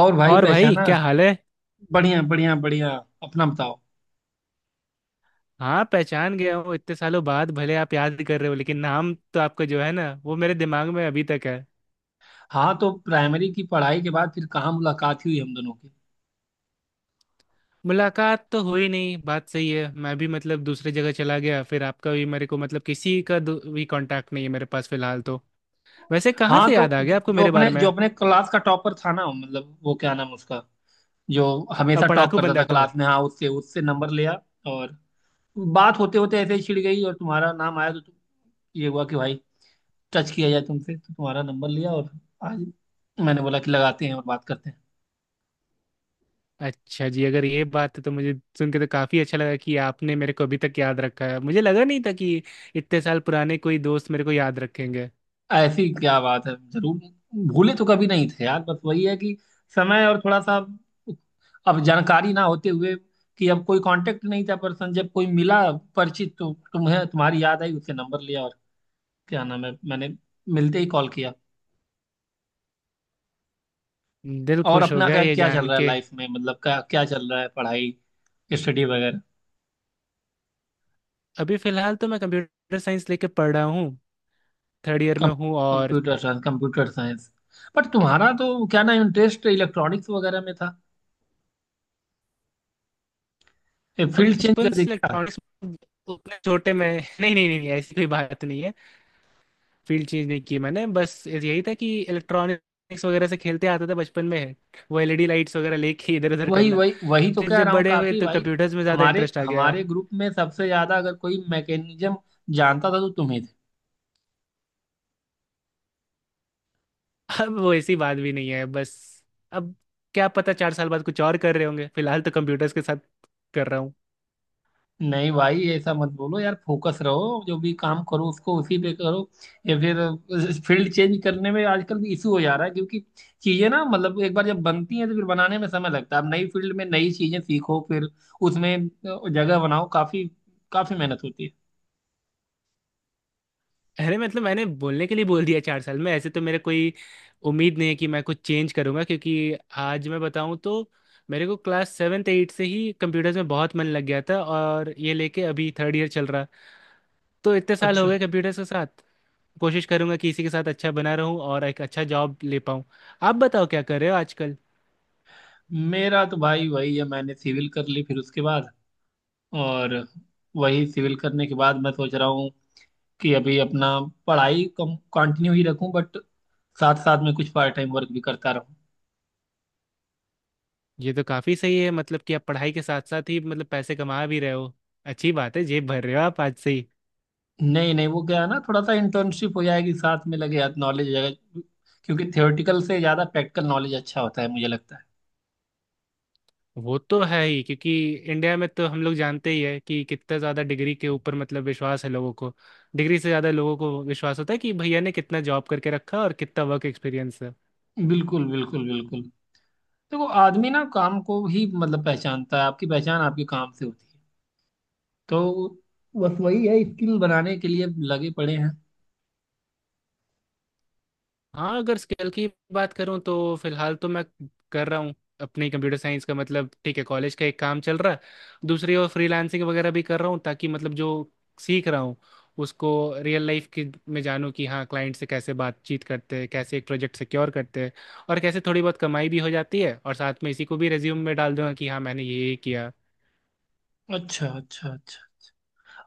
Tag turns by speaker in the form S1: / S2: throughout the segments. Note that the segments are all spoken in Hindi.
S1: और भाई
S2: और भाई
S1: पहचाना।
S2: क्या हाल है।
S1: बढ़िया बढ़िया बढ़िया। अपना बताओ।
S2: हाँ, पहचान गया हूँ। इतने सालों बाद भले आप याद कर रहे हो लेकिन नाम तो आपका जो है ना वो मेरे दिमाग में अभी तक है।
S1: हाँ, तो प्राइमरी की पढ़ाई के बाद फिर कहाँ मुलाकात हुई हम दोनों की।
S2: मुलाकात तो हुई नहीं, बात सही है। मैं भी मतलब दूसरी जगह चला गया, फिर आपका भी मेरे को मतलब किसी का भी कांटेक्ट नहीं है मेरे पास फिलहाल तो। वैसे कहाँ
S1: हाँ,
S2: से
S1: तो
S2: याद आ
S1: जो,
S2: गया आपको
S1: जो
S2: मेरे
S1: अपने
S2: बारे में?
S1: जो अपने क्लास का टॉपर था ना, मतलब वो क्या नाम उसका, जो
S2: अब
S1: हमेशा टॉप
S2: पढ़ाकू
S1: करता था
S2: बंदाठो।
S1: क्लास में। हाँ, उससे उससे नंबर लिया। और बात होते होते ऐसे ही छिड़ गई और तुम्हारा नाम आया, तो तुम, ये हुआ कि भाई टच किया जाए तुमसे, तो तुम्हारा नंबर लिया और आज मैंने बोला कि लगाते हैं और बात करते हैं।
S2: अच्छा जी, अगर ये बात है तो मुझे सुन के तो काफ़ी अच्छा लगा कि आपने मेरे को अभी तक याद रखा है। मुझे लगा नहीं था कि इतने साल पुराने कोई दोस्त मेरे को याद रखेंगे।
S1: ऐसी क्या बात है, जरूर। भूले तो कभी नहीं थे यार, बस वही है कि समय और थोड़ा सा, अब जानकारी ना होते हुए कि अब कोई कांटेक्ट नहीं था। पर्सन जब कोई मिला परिचित, तो तुम्हें तुम्हारी याद आई, उससे नंबर लिया और क्या नाम है, मैंने मिलते ही कॉल किया।
S2: दिल
S1: और
S2: खुश हो
S1: अपना
S2: गया
S1: क्या
S2: ये
S1: क्या चल
S2: जान
S1: रहा है
S2: के।
S1: लाइफ में, मतलब क्या क्या चल रहा है, पढ़ाई स्टडी वगैरह।
S2: अभी फिलहाल तो मैं कंप्यूटर साइंस लेके पढ़ रहा हूँ। थर्ड ईयर
S1: कम,
S2: में हूँ और
S1: computer science, computer science, but तुम्हारा तो क्या ना इंटरेस्ट इलेक्ट्रॉनिक्स वगैरह में था,
S2: अब
S1: फील्ड चेंज
S2: बचपन
S1: कर
S2: से
S1: दिया।
S2: इलेक्ट्रॉनिक्स उतने छोटे में नहीं नहीं नहीं नहीं, ऐसी कोई बात नहीं है। फील्ड चेंज नहीं की मैंने, बस यही था कि इलेक्ट्रॉनिक्स वगैरह से खेलते आता था बचपन में। वो एलईडी लाइट्स वगैरह लेके इधर उधर
S1: वही
S2: करना।
S1: वही वही तो
S2: फिर
S1: कह
S2: जब
S1: रहा हूँ
S2: बड़े हुए
S1: काफी
S2: तो
S1: भाई।
S2: कंप्यूटर्स में ज़्यादा
S1: हमारे
S2: इंटरेस्ट आ गया।
S1: हमारे ग्रुप में सबसे ज्यादा अगर कोई मैकेनिज्म जानता था तो तुम ही थे।
S2: अब वो ऐसी बात भी नहीं है बस। अब क्या पता 4 साल बाद कुछ और कर रहे होंगे, फिलहाल तो कंप्यूटर्स के साथ कर रहा।
S1: नहीं भाई, ऐसा मत बोलो यार, फोकस रहो, जो भी काम करो उसको उसी पे करो। या फिर फील्ड चेंज करने में आजकल भी इशू हो जा रहा है, क्योंकि चीजें ना, मतलब एक बार जब बनती हैं तो फिर बनाने में समय लगता है। अब नई फील्ड में नई चीजें सीखो फिर उसमें जगह बनाओ, काफी काफी मेहनत होती है।
S2: अरे मतलब मैंने बोलने के लिए बोल दिया, 4 साल में ऐसे तो मेरे कोई उम्मीद नहीं है कि मैं कुछ चेंज करूंगा क्योंकि आज मैं बताऊं तो मेरे को क्लास सेवेंथ एट से ही कंप्यूटर्स में बहुत मन लग गया था और ये लेके अभी थर्ड ईयर चल रहा। तो इतने साल हो
S1: अच्छा।
S2: गए कंप्यूटर्स के साथ। कोशिश करूंगा कि इसी के साथ अच्छा बना रहूं और एक अच्छा जॉब ले पाऊं। आप बताओ क्या कर रहे हो आजकल?
S1: मेरा तो भाई वही है, मैंने सिविल कर ली, फिर उसके बाद, और वही सिविल करने के बाद मैं सोच रहा हूँ कि अभी अपना पढ़ाई कम कंटिन्यू ही रखूं, बट साथ साथ में कुछ पार्ट टाइम वर्क भी करता रहूँ।
S2: ये तो काफ़ी सही है, मतलब कि आप पढ़ाई के साथ साथ ही मतलब पैसे कमा भी रहे हो। अच्छी बात है, जेब भर रहे हो आप आज से।
S1: नहीं नहीं, वो क्या है ना, थोड़ा सा इंटर्नशिप हो जाएगी साथ में, लगे हाथ नॉलेज जाएगा, क्योंकि थियोरेटिकल से ज़्यादा प्रैक्टिकल नॉलेज अच्छा होता है मुझे लगता
S2: वो तो है ही क्योंकि इंडिया में तो हम लोग जानते ही है कि कितना ज़्यादा डिग्री के ऊपर मतलब विश्वास है लोगों को। डिग्री से ज़्यादा लोगों को विश्वास होता है कि भैया ने कितना जॉब करके रखा और कितना वर्क एक्सपीरियंस है।
S1: है। बिल्कुल बिल्कुल बिल्कुल। देखो आदमी ना काम को ही मतलब पहचानता है, आपकी पहचान आपके काम से होती है। तो बस वही है, स्किल बनाने के लिए लगे पड़े हैं।
S2: हाँ, अगर स्किल की बात करूँ तो फिलहाल तो मैं कर रहा हूँ अपनी कंप्यूटर साइंस का, मतलब ठीक है, कॉलेज का एक काम चल रहा है। दूसरी ओर फ्रीलांसिंग वगैरह भी कर रहा हूँ ताकि मतलब जो सीख रहा हूँ उसको रियल लाइफ की में जानूँ कि हाँ क्लाइंट से कैसे बातचीत करते हैं, कैसे एक प्रोजेक्ट सिक्योर करते हैं और कैसे थोड़ी बहुत कमाई भी हो जाती है, और साथ में इसी को भी रेज्यूम में डाल दूंगा कि हाँ मैंने ये किया।
S1: अच्छा अच्छा अच्छा।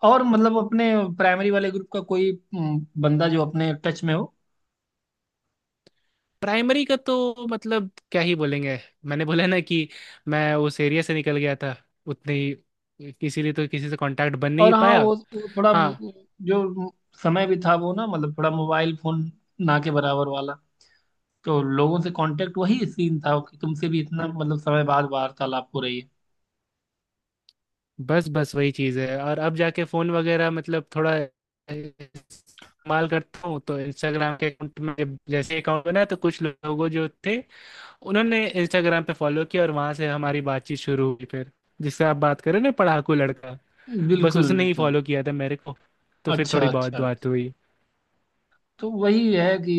S1: और मतलब अपने प्राइमरी वाले ग्रुप का कोई बंदा जो अपने टच में हो।
S2: प्राइमरी का तो मतलब क्या ही बोलेंगे। मैंने बोला ना कि मैं उस एरिया से निकल गया था। उतने ही, इसीलिए तो किसी से कांटेक्ट बन
S1: और
S2: नहीं
S1: हाँ
S2: पाया।
S1: वो थोड़ा
S2: हाँ।
S1: जो समय भी था वो ना, मतलब थोड़ा मोबाइल फोन ना के बराबर वाला, तो लोगों से कांटेक्ट, वही सीन था कि तुमसे भी इतना मतलब समय बाद वार्तालाप हो रही
S2: बस बस वही चीज़ है। और अब जाके फ़ोन वगैरह मतलब थोड़ा इस्तेमाल करता हूँ तो इंस्टाग्राम के अकाउंट में, जैसे अकाउंट बना तो कुछ लोगों जो थे उन्होंने इंस्टाग्राम पे फॉलो किया और वहां से हमारी बातचीत शुरू हुई फिर। जिससे आप बात करें ना, पढ़ाकू लड़का,
S1: है।
S2: बस
S1: बिल्कुल
S2: उसने ही
S1: बिल्कुल।
S2: फॉलो किया था मेरे को। तो फिर
S1: अच्छा
S2: थोड़ी बहुत
S1: अच्छा
S2: बात
S1: अच्छा।
S2: हुई।
S1: तो वही है कि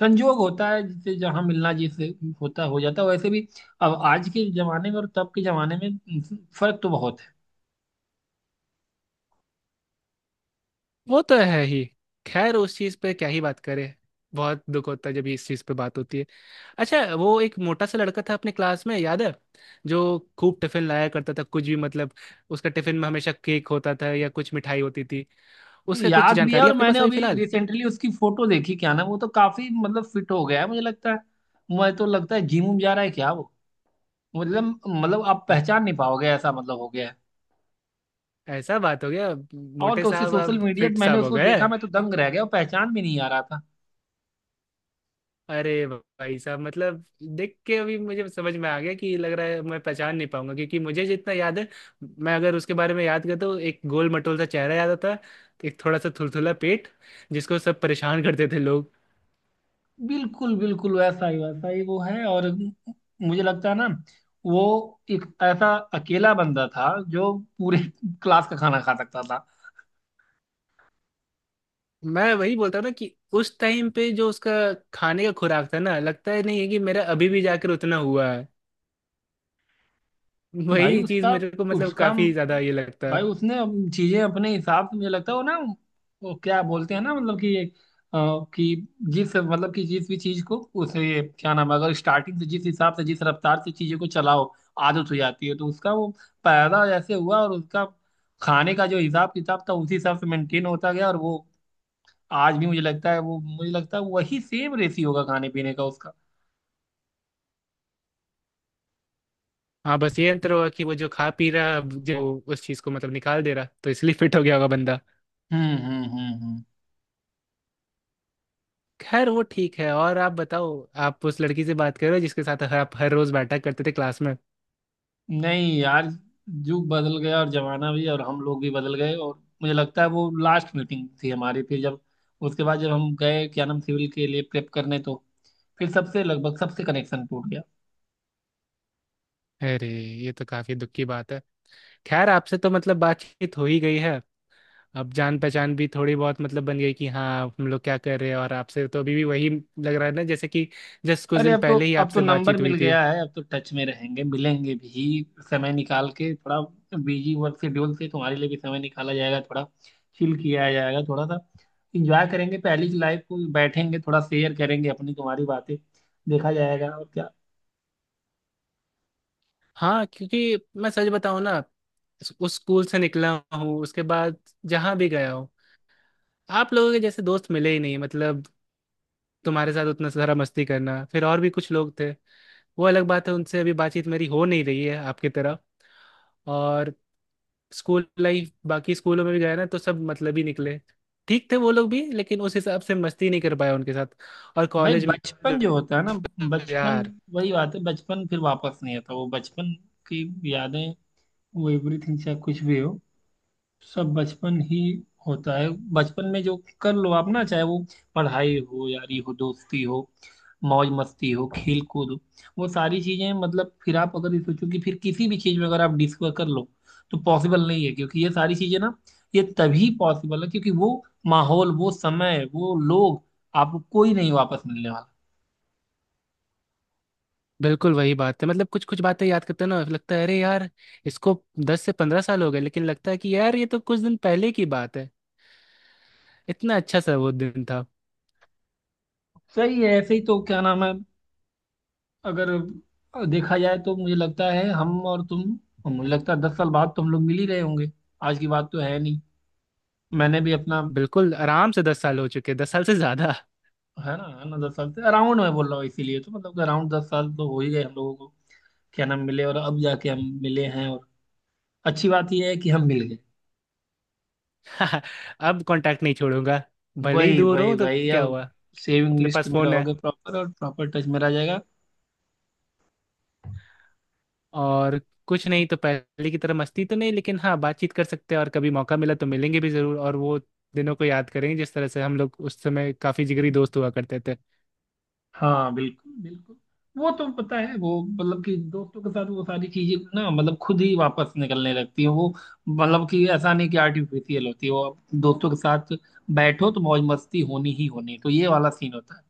S1: संजोग होता है जिससे जहाँ मिलना, जिससे होता हो जाता है। वैसे भी अब आज के जमाने में और तब के जमाने में फर्क तो बहुत है।
S2: वो तो है ही। खैर, उस चीज पे क्या ही बात करें। बहुत दुख होता है जब इस चीज पे बात होती है। अच्छा, वो एक मोटा सा लड़का था अपने क्लास में, याद है? जो खूब टिफिन लाया करता था, कुछ भी मतलब उसका टिफिन में हमेशा केक होता था या कुछ मिठाई होती थी। उसका कुछ
S1: याद भी है,
S2: जानकारी
S1: और
S2: आपके
S1: मैंने
S2: पास अभी
S1: अभी
S2: फिलहाल?
S1: रिसेंटली उसकी फोटो देखी क्या ना, वो तो काफी मतलब फिट हो गया है मुझे लगता है। मुझे तो लगता है जिम जा रहा है क्या वो, मतलब आप पहचान नहीं पाओगे, ऐसा मतलब हो गया है।
S2: ऐसा बात हो गया,
S1: और
S2: मोटे
S1: क्या, उसकी
S2: साहब
S1: सोशल
S2: आप
S1: मीडिया
S2: फिट
S1: मैंने
S2: साहब हो
S1: उसको
S2: गए।
S1: देखा, मैं तो दंग रह गया और पहचान भी नहीं आ रहा था।
S2: अरे भाई साहब, मतलब देख के अभी मुझे समझ में आ गया कि लग रहा है मैं पहचान नहीं पाऊंगा क्योंकि मुझे जितना याद है, मैं अगर उसके बारे में याद करता हूँ, एक गोल मटोल सा चेहरा याद आता है, एक थोड़ा सा थुलथुला पेट, जिसको सब परेशान करते थे लोग।
S1: बिल्कुल बिल्कुल, वैसा ही वो है। और मुझे लगता है ना, वो एक ऐसा अकेला बंदा था जो पूरे क्लास का खाना खा सकता।
S2: मैं वही बोलता हूँ ना कि उस टाइम पे जो उसका खाने का खुराक था ना, लगता है नहीं है कि मेरा अभी भी जाकर उतना हुआ है।
S1: भाई
S2: वही चीज
S1: उसका,
S2: मेरे को मतलब
S1: उसका,
S2: काफी ज्यादा ये लगता
S1: भाई
S2: है।
S1: उसने अब चीजें अपने हिसाब से, मुझे लगता है वो ना, वो क्या बोलते हैं ना, मतलब कि अ, कि जिस, मतलब कि जिस भी चीज को, उसे क्या नाम है, अगर स्टार्टिंग से जिस हिसाब से जिस रफ्तार से चीजों को चलाओ, आदत हो जाती है, तो उसका वो पैदा जैसे हुआ और उसका खाने का जो हिसाब किताब था उसी हिसाब से मेंटेन होता गया। और वो आज भी मुझे लगता है, वो मुझे लगता है वही सेम रेसी होगा खाने पीने का उसका।
S2: हाँ, बस ये अंतर हुआ कि वो जो खा पी रहा जो उस चीज को मतलब निकाल दे रहा, तो इसलिए फिट हो गया होगा बंदा।
S1: हम्म।
S2: खैर वो ठीक है और आप बताओ। आप उस लड़की से बात करो जिसके साथ आप हर रोज बैठा करते थे क्लास में?
S1: नहीं यार, युग बदल गया और जमाना भी, और हम लोग भी बदल गए। और मुझे लगता है वो लास्ट मीटिंग थी हमारी, फिर जब उसके बाद जब हम गए क्या नाम, सिविल के लिए प्रेप करने, तो फिर सबसे लगभग सबसे कनेक्शन टूट गया।
S2: अरे, ये तो काफी दुख की बात है। खैर, आपसे तो मतलब बातचीत हो ही गई है। अब जान पहचान भी थोड़ी बहुत मतलब बन गई कि हाँ हम लोग क्या कर रहे हैं, और आपसे तो अभी भी वही लग रहा है ना जैसे कि जस्ट कुछ
S1: अरे,
S2: दिन
S1: अब तो,
S2: पहले ही
S1: अब तो
S2: आपसे
S1: नंबर
S2: बातचीत हुई
S1: मिल
S2: थी।
S1: गया है, अब तो टच में रहेंगे, मिलेंगे भी समय निकाल के थोड़ा, बिजी वर्क शेड्यूल से तुम्हारे लिए भी समय निकाला जाएगा, थोड़ा चिल किया जाएगा थोड़ा सा, इंजॉय करेंगे पहली लाइफ को, बैठेंगे थोड़ा, शेयर करेंगे अपनी तुम्हारी बातें, देखा जाएगा और क्या।
S2: हाँ क्योंकि मैं सच बताऊं ना, उस स्कूल से निकला हूँ उसके बाद जहाँ भी गया हूँ, आप लोगों के जैसे दोस्त मिले ही नहीं। मतलब तुम्हारे साथ उतना सारा मस्ती करना, फिर और भी कुछ लोग थे, वो अलग बात है, उनसे अभी बातचीत मेरी हो नहीं रही है आपकी तरह। और स्कूल लाइफ, बाकी स्कूलों में भी गया ना तो सब मतलब ही निकले। ठीक थे वो लोग भी लेकिन उस हिसाब से मस्ती नहीं कर पाया उनके साथ। और
S1: भाई
S2: कॉलेज में
S1: बचपन जो होता है ना,
S2: तो
S1: बचपन,
S2: यार,
S1: वही बात है, बचपन फिर वापस नहीं आता, वो बचपन की यादें, वो एवरीथिंग चाहे कुछ भी हो, सब बचपन ही होता है। बचपन में जो कर लो आप, ना चाहे वो पढ़ाई हो, यारी हो, दोस्ती हो, मौज मस्ती हो, खेल कूद हो, वो सारी चीजें, मतलब फिर आप अगर ये सोचो कि फिर किसी भी चीज में अगर आप डिस्कवर कर लो तो पॉसिबल नहीं है, क्योंकि ये सारी चीजें ना, ये तभी पॉसिबल है क्योंकि वो माहौल, वो समय, वो लोग आपको कोई नहीं वापस मिलने वाला।
S2: बिल्कुल वही बात है, मतलब कुछ कुछ बातें याद करते हैं ना, लगता है अरे यार इसको 10 से 15 साल हो गए लेकिन लगता है कि यार ये तो कुछ दिन पहले की बात है। इतना अच्छा सा वो दिन था।
S1: सही है, ऐसे ही तो क्या नाम है, अगर देखा जाए तो मुझे लगता है हम और तुम, मुझे लगता है 10 साल बाद तो हम लोग मिल ही रहे होंगे, आज की बात तो है नहीं। मैंने भी अपना,
S2: बिल्कुल आराम से 10 साल हो चुके, 10 साल से ज्यादा।
S1: है ना, है ना, 10 साल से अराउंड मैं बोल रहा हूँ, इसीलिए तो मतलब अराउंड 10 साल तो हो ही गए हम लोगों को क्या नाम मिले, और अब जाके हम मिले हैं, और अच्छी बात यह है कि हम मिल गए।
S2: अब कांटेक्ट नहीं छोड़ूंगा, भले ही
S1: वही
S2: दूर
S1: वही
S2: हूं तो
S1: वही,
S2: क्या
S1: अब
S2: हुआ।
S1: सेविंग
S2: अपने
S1: लिस्ट
S2: पास
S1: में
S2: फोन है
S1: रहोगे प्रॉपर, और प्रॉपर टच में रह जाएगा।
S2: और कुछ नहीं तो पहले की तरह मस्ती तो नहीं, लेकिन हाँ बातचीत कर सकते हैं और कभी मौका मिला तो मिलेंगे भी जरूर, और वो दिनों को याद करेंगे जिस तरह से हम लोग उस समय काफी जिगरी दोस्त हुआ करते थे।
S1: हाँ बिल्कुल बिल्कुल, वो तो पता है, वो मतलब कि दोस्तों के साथ वो सारी चीजें ना, मतलब खुद ही वापस निकलने लगती है वो, मतलब कि ऐसा नहीं कि आर्टिफिशियल होती है वो, आप दोस्तों के साथ बैठो तो मौज मस्ती होनी ही होनी है। तो ये वाला सीन होता है।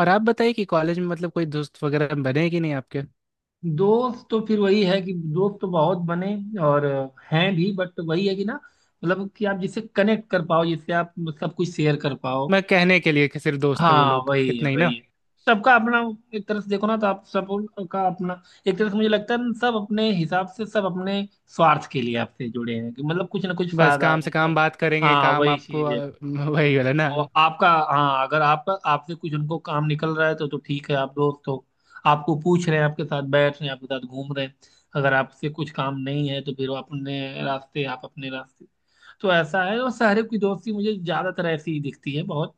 S2: और आप बताइए कि कॉलेज में मतलब कोई दोस्त वगैरह बने हैं कि नहीं आपके?
S1: दोस्त तो फिर वही है कि दोस्त तो बहुत बने, और हैं भी, बट वही है कि ना, मतलब कि आप जिससे कनेक्ट कर पाओ, जिससे आप सब कुछ शेयर कर पाओ।
S2: मैं कहने के लिए कि सिर्फ दोस्त है वो
S1: हाँ
S2: लोग,
S1: वही है
S2: इतना ही ना।
S1: वही है। सबका अपना, एक तरह से देखो ना तो आप सब का अपना, एक तरह से मुझे लगता है ना, सब अपने हिसाब से, सब अपने स्वार्थ के लिए आपसे जुड़े हैं कि मतलब कुछ ना कुछ
S2: बस
S1: फायदा
S2: काम से
S1: उनका।
S2: काम बात करेंगे,
S1: हाँ
S2: काम
S1: वही
S2: आपको
S1: चीज है,
S2: वही वाला ना।
S1: और आपका, हाँ अगर आपका, आपसे कुछ उनको काम निकल रहा है तो ठीक है आप दोस्त हो, आपको पूछ रहे हैं, आपके साथ बैठ रहे हैं, आपके साथ घूम रहे हैं। अगर आपसे कुछ काम नहीं है तो फिर वो अपने रास्ते, आप अपने रास्ते। तो ऐसा है, और शहर की दोस्ती मुझे ज्यादातर ऐसी ही दिखती है बहुत।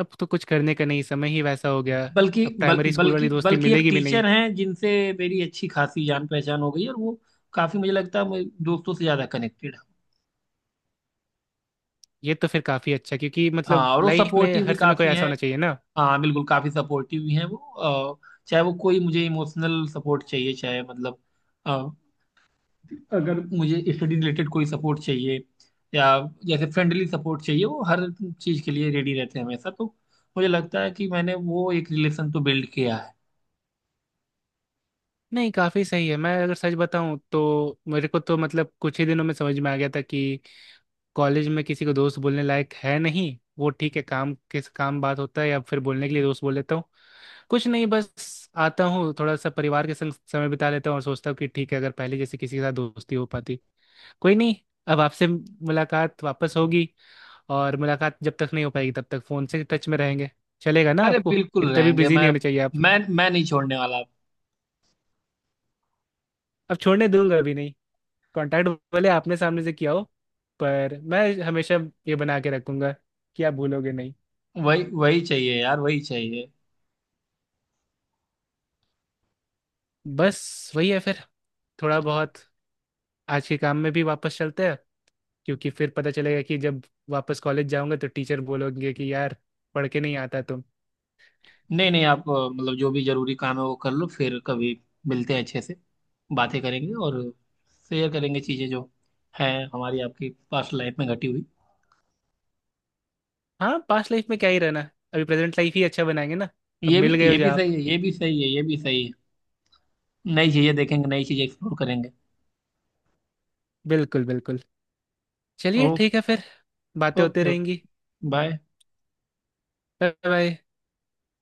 S2: अब तो कुछ करने का नहीं, समय ही वैसा हो गया। अब प्राइमरी स्कूल
S1: बल्कि
S2: वाली दोस्ती
S1: बल्कि एक
S2: मिलेगी भी नहीं।
S1: टीचर हैं जिनसे मेरी अच्छी खासी जान पहचान हो गई है, और वो काफी, मुझे लगता है मैं दोस्तों से ज्यादा कनेक्टेड है।
S2: ये तो फिर काफ़ी अच्छा, क्योंकि
S1: हाँ,
S2: मतलब
S1: और वो
S2: लाइफ में
S1: सपोर्टिव भी
S2: हर समय कोई
S1: काफी
S2: ऐसा
S1: हैं।
S2: होना चाहिए ना।
S1: हाँ बिल्कुल, काफी सपोर्टिव भी हैं वो। अ, चाहे वो कोई मुझे इमोशनल सपोर्ट चाहिए, चाहे मतलब अ, अगर मुझे स्टडी रिलेटेड कोई सपोर्ट चाहिए, या जैसे फ्रेंडली सपोर्ट चाहिए, वो हर चीज के लिए रेडी रहते हैं हमेशा। तो मुझे लगता है कि मैंने वो एक रिलेशन तो बिल्ड किया है।
S2: नहीं, काफ़ी सही है। मैं अगर सच बताऊं तो मेरे को तो मतलब कुछ ही दिनों में समझ में आ गया था कि कॉलेज में किसी को दोस्त बोलने लायक है नहीं। वो ठीक है, काम किस काम बात होता है या फिर बोलने के लिए दोस्त बोल लेता हूँ। कुछ नहीं, बस आता हूँ थोड़ा सा परिवार के संग समय बिता लेता हूँ और सोचता हूँ कि ठीक है, अगर पहले जैसे किसी के साथ दोस्ती हो पाती। कोई नहीं, अब आपसे मुलाकात वापस होगी। और मुलाकात जब तक नहीं हो पाएगी तब तक फोन से टच में रहेंगे। चलेगा ना
S1: अरे
S2: आपको?
S1: बिल्कुल
S2: इतना भी
S1: रहेंगे,
S2: बिजी
S1: मैं
S2: नहीं होने चाहिए आप।
S1: मैं मैं नहीं छोड़ने वाला आपको।
S2: अब छोड़ने दूंगा अभी नहीं। कांटेक्ट, भले आपने सामने से किया हो, पर मैं हमेशा ये बना के रखूंगा कि आप भूलोगे नहीं।
S1: वही वही चाहिए यार, वही चाहिए।
S2: बस वही है फिर। थोड़ा बहुत आज के काम में भी वापस चलते हैं, क्योंकि फिर पता चलेगा कि जब वापस कॉलेज जाऊंगा तो टीचर बोलोगे कि यार पढ़ के नहीं आता तुम।
S1: नहीं नहीं, आप मतलब जो भी जरूरी काम है वो कर लो, फिर कभी मिलते हैं अच्छे से, बातें करेंगे, और शेयर करेंगे चीजें जो हैं हमारी आपकी पास्ट लाइफ में घटी हुई।
S2: हाँ, पास्ट लाइफ में क्या ही रहना। अभी प्रेजेंट लाइफ ही अच्छा बनाएंगे ना। अब मिल गए
S1: ये
S2: हो जो
S1: भी
S2: आप।
S1: सही है, ये भी सही है, ये भी सही है। नई चीजें देखेंगे, नई चीजें एक्सप्लोर करेंगे।
S2: बिल्कुल बिल्कुल। चलिए
S1: ओके
S2: ठीक है फिर। बातें होती
S1: ओके ओके।
S2: रहेंगी।
S1: बाय।
S2: Bye bye.